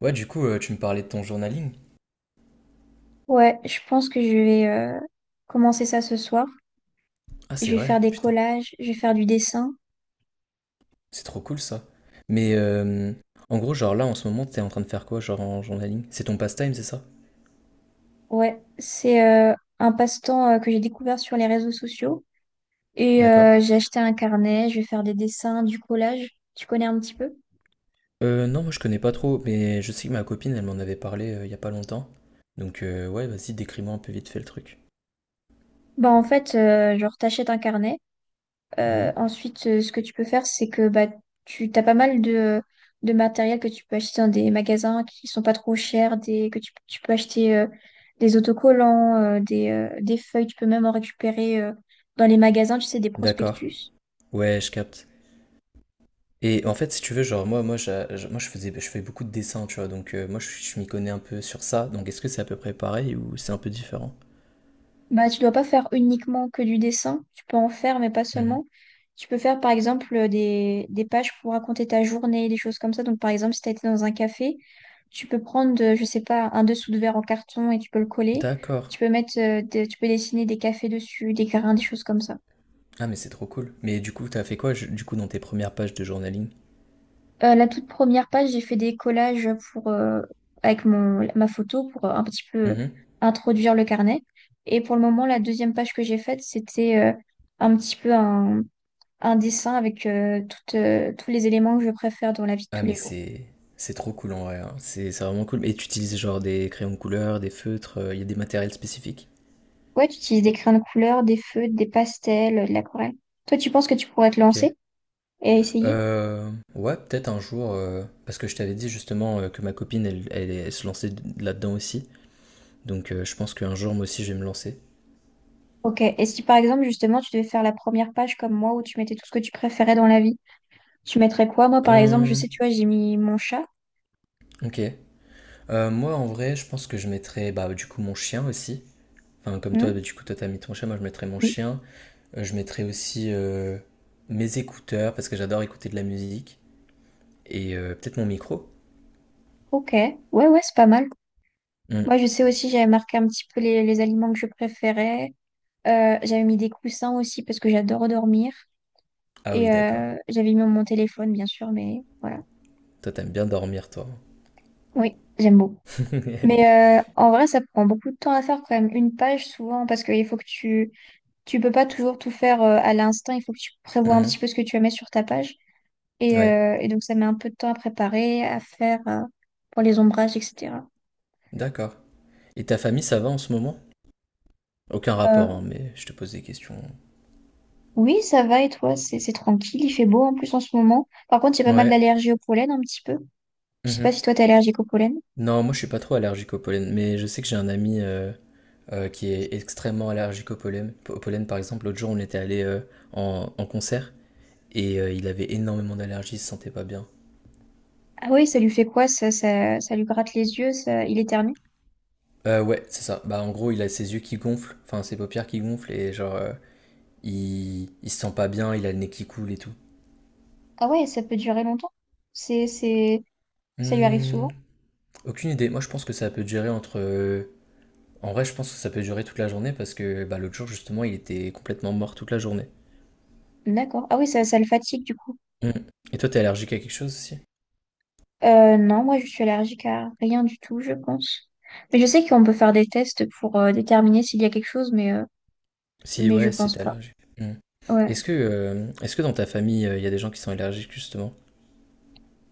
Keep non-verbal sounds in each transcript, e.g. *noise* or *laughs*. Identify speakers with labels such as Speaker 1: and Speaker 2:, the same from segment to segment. Speaker 1: Ouais, du coup, tu me parlais de ton journaling.
Speaker 2: Ouais, je pense que je vais commencer ça ce soir.
Speaker 1: Ah,
Speaker 2: Je
Speaker 1: c'est
Speaker 2: vais faire
Speaker 1: vrai,
Speaker 2: des
Speaker 1: putain,
Speaker 2: collages, je vais faire du dessin.
Speaker 1: c'est trop cool ça. Mais en gros, genre là, en ce moment, t'es en train de faire quoi, genre en journaling? C'est ton pastime, c'est ça?
Speaker 2: Ouais, c'est un passe-temps que j'ai découvert sur les réseaux sociaux.
Speaker 1: D'accord.
Speaker 2: J'ai acheté un carnet, je vais faire des dessins, du collage. Tu connais un petit peu?
Speaker 1: Non, moi je connais pas trop, mais je sais que ma copine, elle m'en avait parlé il y a pas longtemps. Donc, ouais, vas-y, décris-moi un peu vite fait le truc.
Speaker 2: Genre t'achètes un carnet.
Speaker 1: Mhm.
Speaker 2: Ensuite, ce que tu peux faire, c'est que tu as pas mal de matériel que tu peux acheter dans des magasins qui sont pas trop chers, tu peux acheter des autocollants, des feuilles, tu peux même en récupérer dans les magasins, tu sais, des
Speaker 1: D'accord.
Speaker 2: prospectus.
Speaker 1: Ouais, je capte. Et en fait, si tu veux, genre, moi, je fais beaucoup de dessins, tu vois, donc moi je m'y connais un peu sur ça. Donc, est-ce que c'est à peu près pareil ou c'est un peu différent?
Speaker 2: Bah, tu dois pas faire uniquement que du dessin, tu peux en faire, mais pas
Speaker 1: Mhm.
Speaker 2: seulement. Tu peux faire par exemple des pages pour raconter ta journée, des choses comme ça. Donc par exemple, si tu as été dans un café, tu peux prendre, je sais pas, un dessous de verre en carton et tu peux le coller.
Speaker 1: D'accord.
Speaker 2: Tu peux mettre, tu peux dessiner des cafés dessus, des grains, des choses comme ça.
Speaker 1: Ah, mais c'est trop cool. Mais du coup, t'as fait quoi, du coup, dans tes premières pages de journaling?
Speaker 2: La toute première page, j'ai fait des collages pour, avec ma photo pour un petit peu
Speaker 1: Mhm.
Speaker 2: introduire le carnet. Et pour le moment, la deuxième page que j'ai faite, c'était un petit peu un dessin avec tous les éléments que je préfère dans la vie de
Speaker 1: Ah,
Speaker 2: tous
Speaker 1: mais
Speaker 2: les jours.
Speaker 1: c'est trop cool en vrai, hein. C'est vraiment cool. Et tu utilises genre des crayons de couleur, des feutres, il y a des matériels spécifiques?
Speaker 2: Ouais, tu utilises des crayons de couleur, des feutres, des pastels, de l'aquarelle. Toi, tu penses que tu pourrais te
Speaker 1: Ok.
Speaker 2: lancer et essayer?
Speaker 1: Euh, ouais, peut-être un jour, parce que je t'avais dit justement que ma copine, elle se lançait là-dedans aussi. Donc je pense qu'un jour, moi aussi, je vais me lancer.
Speaker 2: Ok. Et si par exemple, justement, tu devais faire la première page comme moi où tu mettais tout ce que tu préférais dans la vie, tu mettrais quoi? Moi, par exemple, je
Speaker 1: Euh,
Speaker 2: sais, tu vois, j'ai mis mon chat.
Speaker 1: ok. Moi, en vrai, je pense que je mettrais bah, du coup mon chien aussi. Enfin, comme toi,
Speaker 2: Hmm.
Speaker 1: bah, du coup, toi, t'as mis ton chien, moi, je mettrais mon
Speaker 2: Oui.
Speaker 1: chien. Je mettrai aussi mes écouteurs parce que j'adore écouter de la musique et peut-être mon micro.
Speaker 2: Ok. Ouais, ouais, c'est pas mal.
Speaker 1: Hmm.
Speaker 2: Moi, je sais aussi, j'avais marqué un petit peu les aliments que je préférais. J'avais mis des coussins aussi parce que j'adore dormir.
Speaker 1: Ah oui, d'accord.
Speaker 2: J'avais mis mon téléphone, bien sûr, mais voilà.
Speaker 1: Toi, t'aimes bien dormir, toi.
Speaker 2: Oui, j'aime beaucoup.
Speaker 1: *laughs*
Speaker 2: En vrai, ça prend beaucoup de temps à faire quand même. Une page, souvent, parce qu'il faut que tu… Tu peux pas toujours tout faire à l'instinct. Il faut que tu prévois un petit
Speaker 1: Mhm.
Speaker 2: peu ce que tu vas mettre sur ta page. Et,
Speaker 1: Ouais,
Speaker 2: euh, et donc, ça met un peu de temps à préparer, à faire pour les ombrages, etc.
Speaker 1: d'accord. Et ta famille, ça va en ce moment? Aucun
Speaker 2: Euh,
Speaker 1: rapport, hein, mais je te pose des questions.
Speaker 2: oui, ça va. Et toi, c'est tranquille. Il fait beau en plus en ce moment. Par contre, j'ai pas mal
Speaker 1: Ouais.
Speaker 2: d'allergie au pollen un petit peu. Je sais pas
Speaker 1: Mhm.
Speaker 2: si toi, t'es allergique au pollen.
Speaker 1: Non, moi, je suis pas trop allergique au pollen, mais je sais que j'ai un ami qui est extrêmement allergique au pollen. Au pollen, par exemple, l'autre jour, on était allé en concert et il avait énormément d'allergies, il se sentait pas bien.
Speaker 2: Ah oui, ça lui fait quoi? Ça lui gratte les yeux, ça, il éternue.
Speaker 1: Ouais, c'est ça. Bah, en gros, il a ses yeux qui gonflent, enfin ses paupières qui gonflent et genre, il se sent pas bien, il a le nez qui coule et tout.
Speaker 2: Ah ouais, ça peut durer longtemps. C'est, c'est, Ça lui arrive
Speaker 1: Hmm,
Speaker 2: souvent.
Speaker 1: aucune idée. Moi, je pense que ça peut durer entre. En vrai, je pense que ça peut durer toute la journée parce que bah, l'autre jour, justement, il était complètement mort toute la journée.
Speaker 2: D'accord. Ah oui, ça le fatigue du coup.
Speaker 1: Hmm. Et toi, t'es allergique à quelque chose aussi?
Speaker 2: Non, moi je suis allergique à rien du tout, je pense. Mais je sais qu'on peut faire des tests pour déterminer s'il y a quelque chose, mais
Speaker 1: Si,
Speaker 2: mais je
Speaker 1: ouais, si
Speaker 2: pense
Speaker 1: t'es
Speaker 2: pas.
Speaker 1: allergique. Hmm.
Speaker 2: Ouais.
Speaker 1: Est-ce que dans ta famille, il y a des gens qui sont allergiques, justement?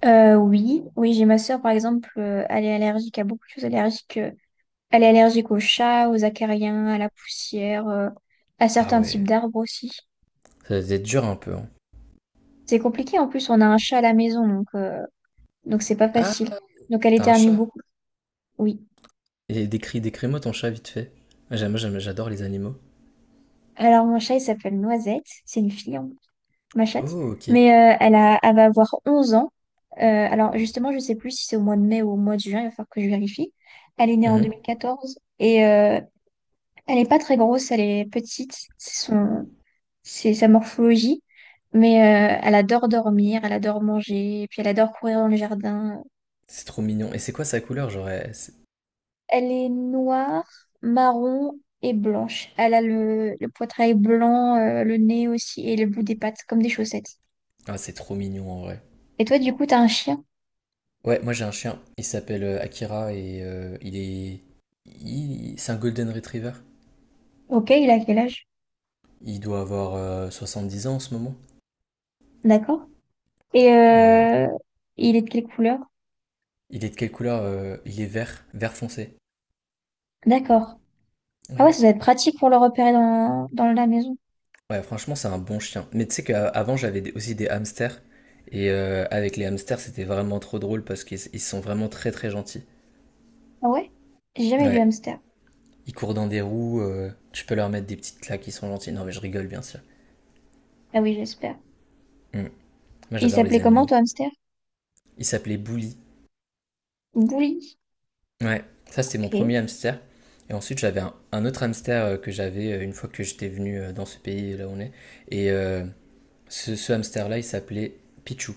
Speaker 2: Oui, j'ai ma sœur par exemple, elle est allergique à beaucoup de choses allergiques. Elle est allergique aux chats, aux acariens, à la poussière, à
Speaker 1: Ah
Speaker 2: certains types
Speaker 1: ouais,
Speaker 2: d'arbres aussi.
Speaker 1: ça doit être dur un peu, hein.
Speaker 2: C'est compliqué en plus, on a un chat à la maison, donc c'est pas
Speaker 1: Ah,
Speaker 2: facile. Donc elle
Speaker 1: t'as un
Speaker 2: éternue
Speaker 1: chat.
Speaker 2: beaucoup. Oui.
Speaker 1: Et décris-moi ton chat vite fait. J'adore les animaux.
Speaker 2: Alors mon chat il s'appelle Noisette, c'est une fille. Ma chatte.
Speaker 1: Oh, ok.
Speaker 2: Mais elle a, elle va avoir 11 ans. Alors justement, je sais plus si c'est au mois de mai ou au mois de juin, il va falloir que je vérifie. Elle est née en deux
Speaker 1: Mhm.
Speaker 2: mille quatorze elle n'est pas très grosse, elle est petite, c'est sa morphologie. Mais elle adore dormir, elle adore manger, et puis elle adore courir dans le jardin.
Speaker 1: C'est trop mignon. Et c'est quoi sa couleur? Genre, elle- c'est-
Speaker 2: Elle est noire, marron et blanche. Elle a le poitrail blanc, le nez aussi et le bout des pattes, comme des chaussettes.
Speaker 1: ah, c'est trop mignon en vrai.
Speaker 2: Et toi, du coup, t'as un chien.
Speaker 1: Ouais, moi j'ai un chien. Il s'appelle Akira et il est. C'est un Golden Retriever.
Speaker 2: Ok, il a quel âge?
Speaker 1: Il doit avoir 10 ans en ce moment.
Speaker 2: D'accord. Et
Speaker 1: Et
Speaker 2: euh, il est de quelle couleur?
Speaker 1: il est de quelle couleur? Il est vert, vert foncé.
Speaker 2: D'accord. Ah ouais,
Speaker 1: Ouais.
Speaker 2: ça doit être pratique pour le repérer dans la maison.
Speaker 1: Ouais, franchement, c'est un bon chien. Mais tu sais qu'avant, j'avais aussi des hamsters. Et avec les hamsters, c'était vraiment trop drôle parce qu'ils sont vraiment très très gentils.
Speaker 2: Ah ouais? J'ai jamais eu de
Speaker 1: Ouais.
Speaker 2: hamster.
Speaker 1: Ils courent dans des roues, tu peux leur mettre des petites claques, ils sont gentils. Non, mais je rigole, bien sûr.
Speaker 2: Ah oui, j'espère.
Speaker 1: Mm. Moi,
Speaker 2: Et il
Speaker 1: j'adore les
Speaker 2: s'appelait comment,
Speaker 1: animaux.
Speaker 2: ton hamster?
Speaker 1: Il s'appelait Bully.
Speaker 2: Bouli.
Speaker 1: Ouais, ça, c'était mon
Speaker 2: Ok.
Speaker 1: premier hamster. Et ensuite, j'avais un autre hamster que j'avais une fois que j'étais venu dans ce pays, là où on est. Et ce hamster-là, il s'appelait Pichou.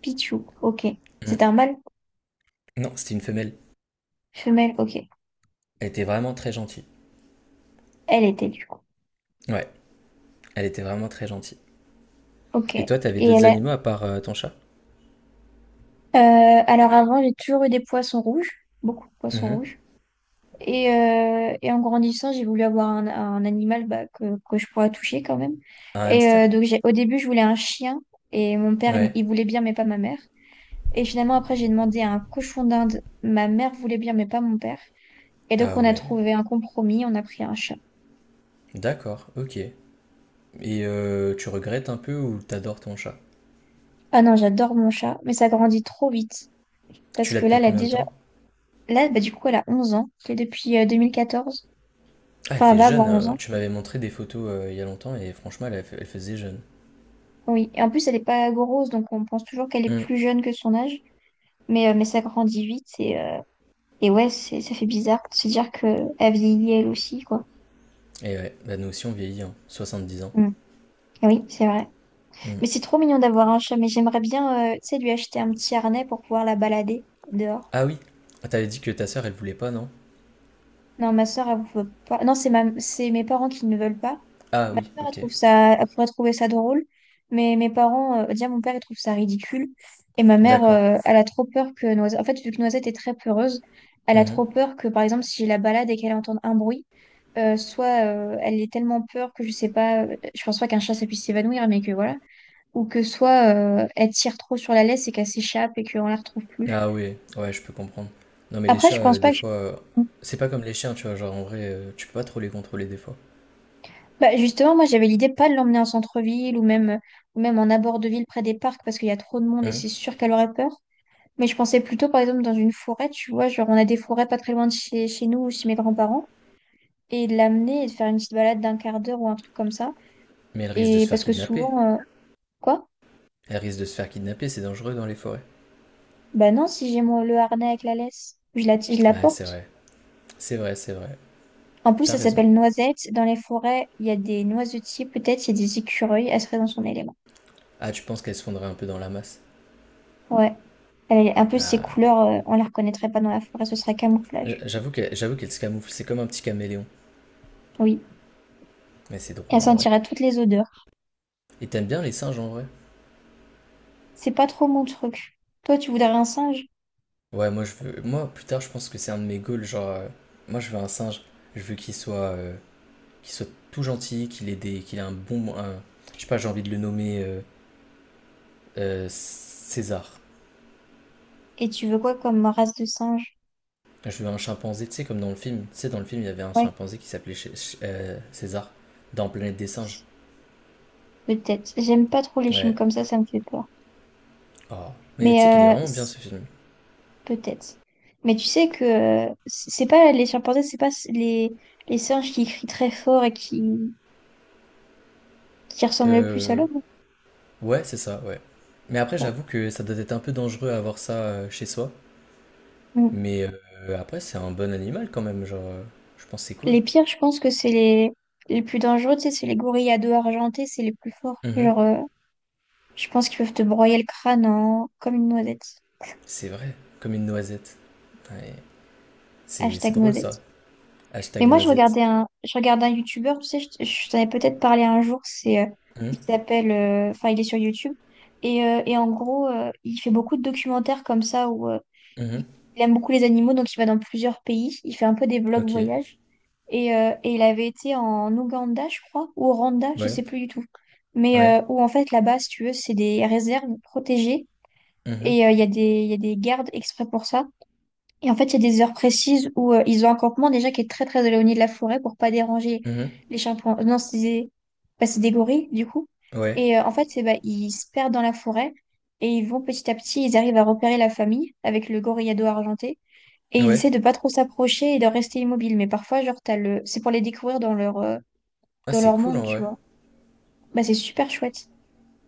Speaker 2: Pichou. Ok. C'était
Speaker 1: Mm.
Speaker 2: un mâle?
Speaker 1: Non, c'était une femelle.
Speaker 2: Femelle. Ok.
Speaker 1: Elle était vraiment très gentille.
Speaker 2: Elle était, du coup.
Speaker 1: Ouais, elle était vraiment très gentille.
Speaker 2: Ok. Et
Speaker 1: Et toi, t'avais d'autres
Speaker 2: elle a…
Speaker 1: animaux à part ton chat?
Speaker 2: Alors avant, j'ai toujours eu des poissons rouges. Beaucoup de poissons
Speaker 1: Mhm.
Speaker 2: rouges. Et en grandissant, j'ai voulu avoir un animal que je pourrais toucher quand même.
Speaker 1: Un hamster?
Speaker 2: Au début, je voulais un chien. Et mon père, il
Speaker 1: Ouais.
Speaker 2: il voulait bien, mais pas ma mère. Et finalement, après, j'ai demandé un cochon d'Inde. Ma mère voulait bien, mais pas mon père. Et donc,
Speaker 1: Ah
Speaker 2: on a
Speaker 1: ouais.
Speaker 2: trouvé un compromis. On a pris un chat.
Speaker 1: D'accord, ok. Et tu regrettes un peu ou t'adores ton chat?
Speaker 2: Ah non, j'adore mon chat, mais ça grandit trop vite. Parce
Speaker 1: Tu l'as
Speaker 2: que là,
Speaker 1: depuis
Speaker 2: elle a
Speaker 1: combien de
Speaker 2: déjà…
Speaker 1: temps?
Speaker 2: Là, bah, du coup, elle a 11 ans. C'est depuis 2014.
Speaker 1: Ah, elle
Speaker 2: Enfin, elle
Speaker 1: fait
Speaker 2: va
Speaker 1: jeune.
Speaker 2: avoir 11
Speaker 1: euh,
Speaker 2: ans.
Speaker 1: tu m'avais montré des photos il y a longtemps et franchement, elle faisait jeune.
Speaker 2: Oui. Et en plus, elle n'est pas grosse, donc on pense toujours qu'elle est
Speaker 1: Hum.
Speaker 2: plus jeune que son âge. Mais ça grandit vite et ça fait bizarre de se dire que elle vieillit elle aussi, quoi.
Speaker 1: Et ouais, bah nous aussi on vieillit, hein. 70 ans.
Speaker 2: Mm. Ah, oui, c'est vrai.
Speaker 1: Hum.
Speaker 2: Mais c'est trop mignon d'avoir un chat, mais j'aimerais bien, tu sais, lui acheter un petit harnais pour pouvoir la balader dehors.
Speaker 1: Ah oui, Ah, t'avais dit que ta sœur elle voulait pas, non?
Speaker 2: Non, ma soeur, elle veut pas. Non, c'est ma… c'est mes parents qui ne veulent pas.
Speaker 1: Ah
Speaker 2: Ma
Speaker 1: oui,
Speaker 2: soeur, elle
Speaker 1: ok.
Speaker 2: trouve ça, elle pourrait trouver ça drôle, mais mes parents, déjà mon père, il trouve ça ridicule. Et ma mère,
Speaker 1: D'accord.
Speaker 2: elle a trop peur que Noisette, en fait, vu que Noisette est très peureuse, elle a trop
Speaker 1: Mhm.
Speaker 2: peur que, par exemple, si je la balade et qu'elle entende un bruit, soit elle ait tellement peur que je sais pas, je pense pas qu'un chat ça puisse s'évanouir, mais que voilà, ou que soit elle tire trop sur la laisse et qu'elle s'échappe et qu'on la retrouve plus.
Speaker 1: Ah oui, ouais, je peux comprendre. Non mais les
Speaker 2: Après,
Speaker 1: chats,
Speaker 2: je pense
Speaker 1: des
Speaker 2: pas que…
Speaker 1: fois, c'est pas comme les chiens, tu vois, genre en vrai, tu peux pas trop les contrôler des fois.
Speaker 2: Bah justement, moi j'avais l'idée pas de l'emmener en centre-ville ou même en abord de ville près des parcs parce qu'il y a trop de monde et
Speaker 1: Hum.
Speaker 2: c'est sûr qu'elle aurait peur. Mais je pensais plutôt par exemple dans une forêt, tu vois, genre on a des forêts pas très loin de chez nous ou chez mes grands-parents et de l'amener et de faire une petite balade d'1/4 d'heure ou un truc comme ça.
Speaker 1: Mais elle risque de
Speaker 2: Et
Speaker 1: se faire
Speaker 2: parce que
Speaker 1: kidnapper.
Speaker 2: souvent, euh, quoi?
Speaker 1: Elle risque de se faire kidnapper, c'est dangereux dans les forêts.
Speaker 2: Bah non, si j'ai le harnais avec la laisse, je la
Speaker 1: Ouais, c'est
Speaker 2: porte.
Speaker 1: vrai. C'est vrai, c'est vrai.
Speaker 2: En plus,
Speaker 1: T'as
Speaker 2: ça
Speaker 1: raison.
Speaker 2: s'appelle noisette. Dans les forêts, il y a des noisetiers peut-être, il y a des écureuils, elle serait dans son élément.
Speaker 1: Ah, tu penses qu'elle se fondrait un peu dans la masse.
Speaker 2: Ouais. Elle… En plus, ses
Speaker 1: Ah,
Speaker 2: couleurs, euh, on les reconnaîtrait pas dans la forêt, ce serait camouflage.
Speaker 1: J'avoue qu'elle se camoufle, c'est comme un petit caméléon.
Speaker 2: Oui.
Speaker 1: Mais c'est
Speaker 2: Et
Speaker 1: drôle
Speaker 2: elle
Speaker 1: en vrai.
Speaker 2: sentirait toutes les odeurs.
Speaker 1: Et t'aimes bien les singes en vrai?
Speaker 2: C'est pas trop mon truc. Toi, tu voudrais un singe?
Speaker 1: Ouais, moi je veux. Moi plus tard, je pense que c'est un de mes goals. Genre, moi je veux un singe. Je veux qu'il soit tout gentil, qu'il ait un bon. Un- Je sais pas, j'ai envie de le nommer César.
Speaker 2: Et tu veux quoi comme race de singe?
Speaker 1: Je veux un chimpanzé, tu sais, comme dans le film. Tu sais, dans le film, il y avait un
Speaker 2: Ouais,
Speaker 1: chimpanzé qui s'appelait César dans Planète des singes.
Speaker 2: peut-être. J'aime pas trop les films
Speaker 1: Ouais.
Speaker 2: comme ça me fait peur.
Speaker 1: Oh. Mais
Speaker 2: Mais
Speaker 1: tu sais qu'il est
Speaker 2: euh,
Speaker 1: vraiment bien
Speaker 2: c-
Speaker 1: ce film.
Speaker 2: Peut-être. Mais tu sais que c'est pas les chimpanzés, c'est pas s- les singes qui crient très fort et qui ressemblent le plus à
Speaker 1: Euh,
Speaker 2: l'homme.
Speaker 1: Ouais, c'est ça, ouais. Mais après,
Speaker 2: Ouais.
Speaker 1: j'avoue que ça doit être un peu dangereux à avoir ça chez soi.
Speaker 2: Mm.
Speaker 1: Mais après, c'est un bon animal quand même, genre, je pense que c'est cool.
Speaker 2: Les pires, je pense que les plus dangereux, tu sais, c'est les gorilles à dos argentés, c'est les plus forts.
Speaker 1: Mhm.
Speaker 2: Je pense qu'ils peuvent te broyer le crâne en- comme une noisette.
Speaker 1: C'est vrai, comme une noisette. Ouais, c'est
Speaker 2: Hashtag
Speaker 1: drôle ça.
Speaker 2: noisette. Mais
Speaker 1: Hashtag
Speaker 2: moi,
Speaker 1: noisette.
Speaker 2: je regardais un YouTuber, tu sais, je t'en ai peut-être parlé un jour, il
Speaker 1: Mhm.
Speaker 2: s'appelle, enfin, il est sur YouTube. Il fait beaucoup de documentaires comme ça où il
Speaker 1: Mhm.
Speaker 2: il aime beaucoup les animaux, donc il va dans plusieurs pays. Il fait un peu des vlogs
Speaker 1: Ok.
Speaker 2: voyages. Et il avait été en Ouganda, je crois, ou au Rwanda, je sais
Speaker 1: Ouais.
Speaker 2: plus du tout.
Speaker 1: Ouais.
Speaker 2: Où en fait, là-bas, si tu veux, c'est des réserves protégées.
Speaker 1: Mhm.
Speaker 2: Il y a il y a des gardes exprès pour ça. Et en fait, il y a des heures précises où ils ont un campement déjà qui est très très éloigné de la forêt pour pas déranger
Speaker 1: Mhm.
Speaker 2: les chimpanzés. Non, c'est des… bah, c'est des gorilles du coup.
Speaker 1: Ouais.
Speaker 2: Et en fait, c'est bah, Ils se perdent dans la forêt et ils vont petit à petit, ils arrivent à repérer la famille avec le gorillado argenté et ils
Speaker 1: Ouais.
Speaker 2: essaient de pas trop s'approcher et de rester immobiles. Mais parfois, genre, t'as le… c'est pour les découvrir
Speaker 1: Ah,
Speaker 2: dans
Speaker 1: c'est
Speaker 2: leur
Speaker 1: cool
Speaker 2: monde,
Speaker 1: en
Speaker 2: tu
Speaker 1: vrai.
Speaker 2: vois. Bah, c'est super chouette.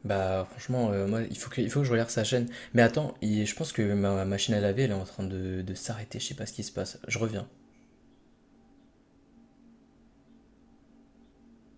Speaker 1: Bah, franchement, moi, il faut que je regarde sa chaîne. Mais attends, je pense que ma machine à laver, elle est en train de s'arrêter. Je sais pas ce qui se passe. Je reviens.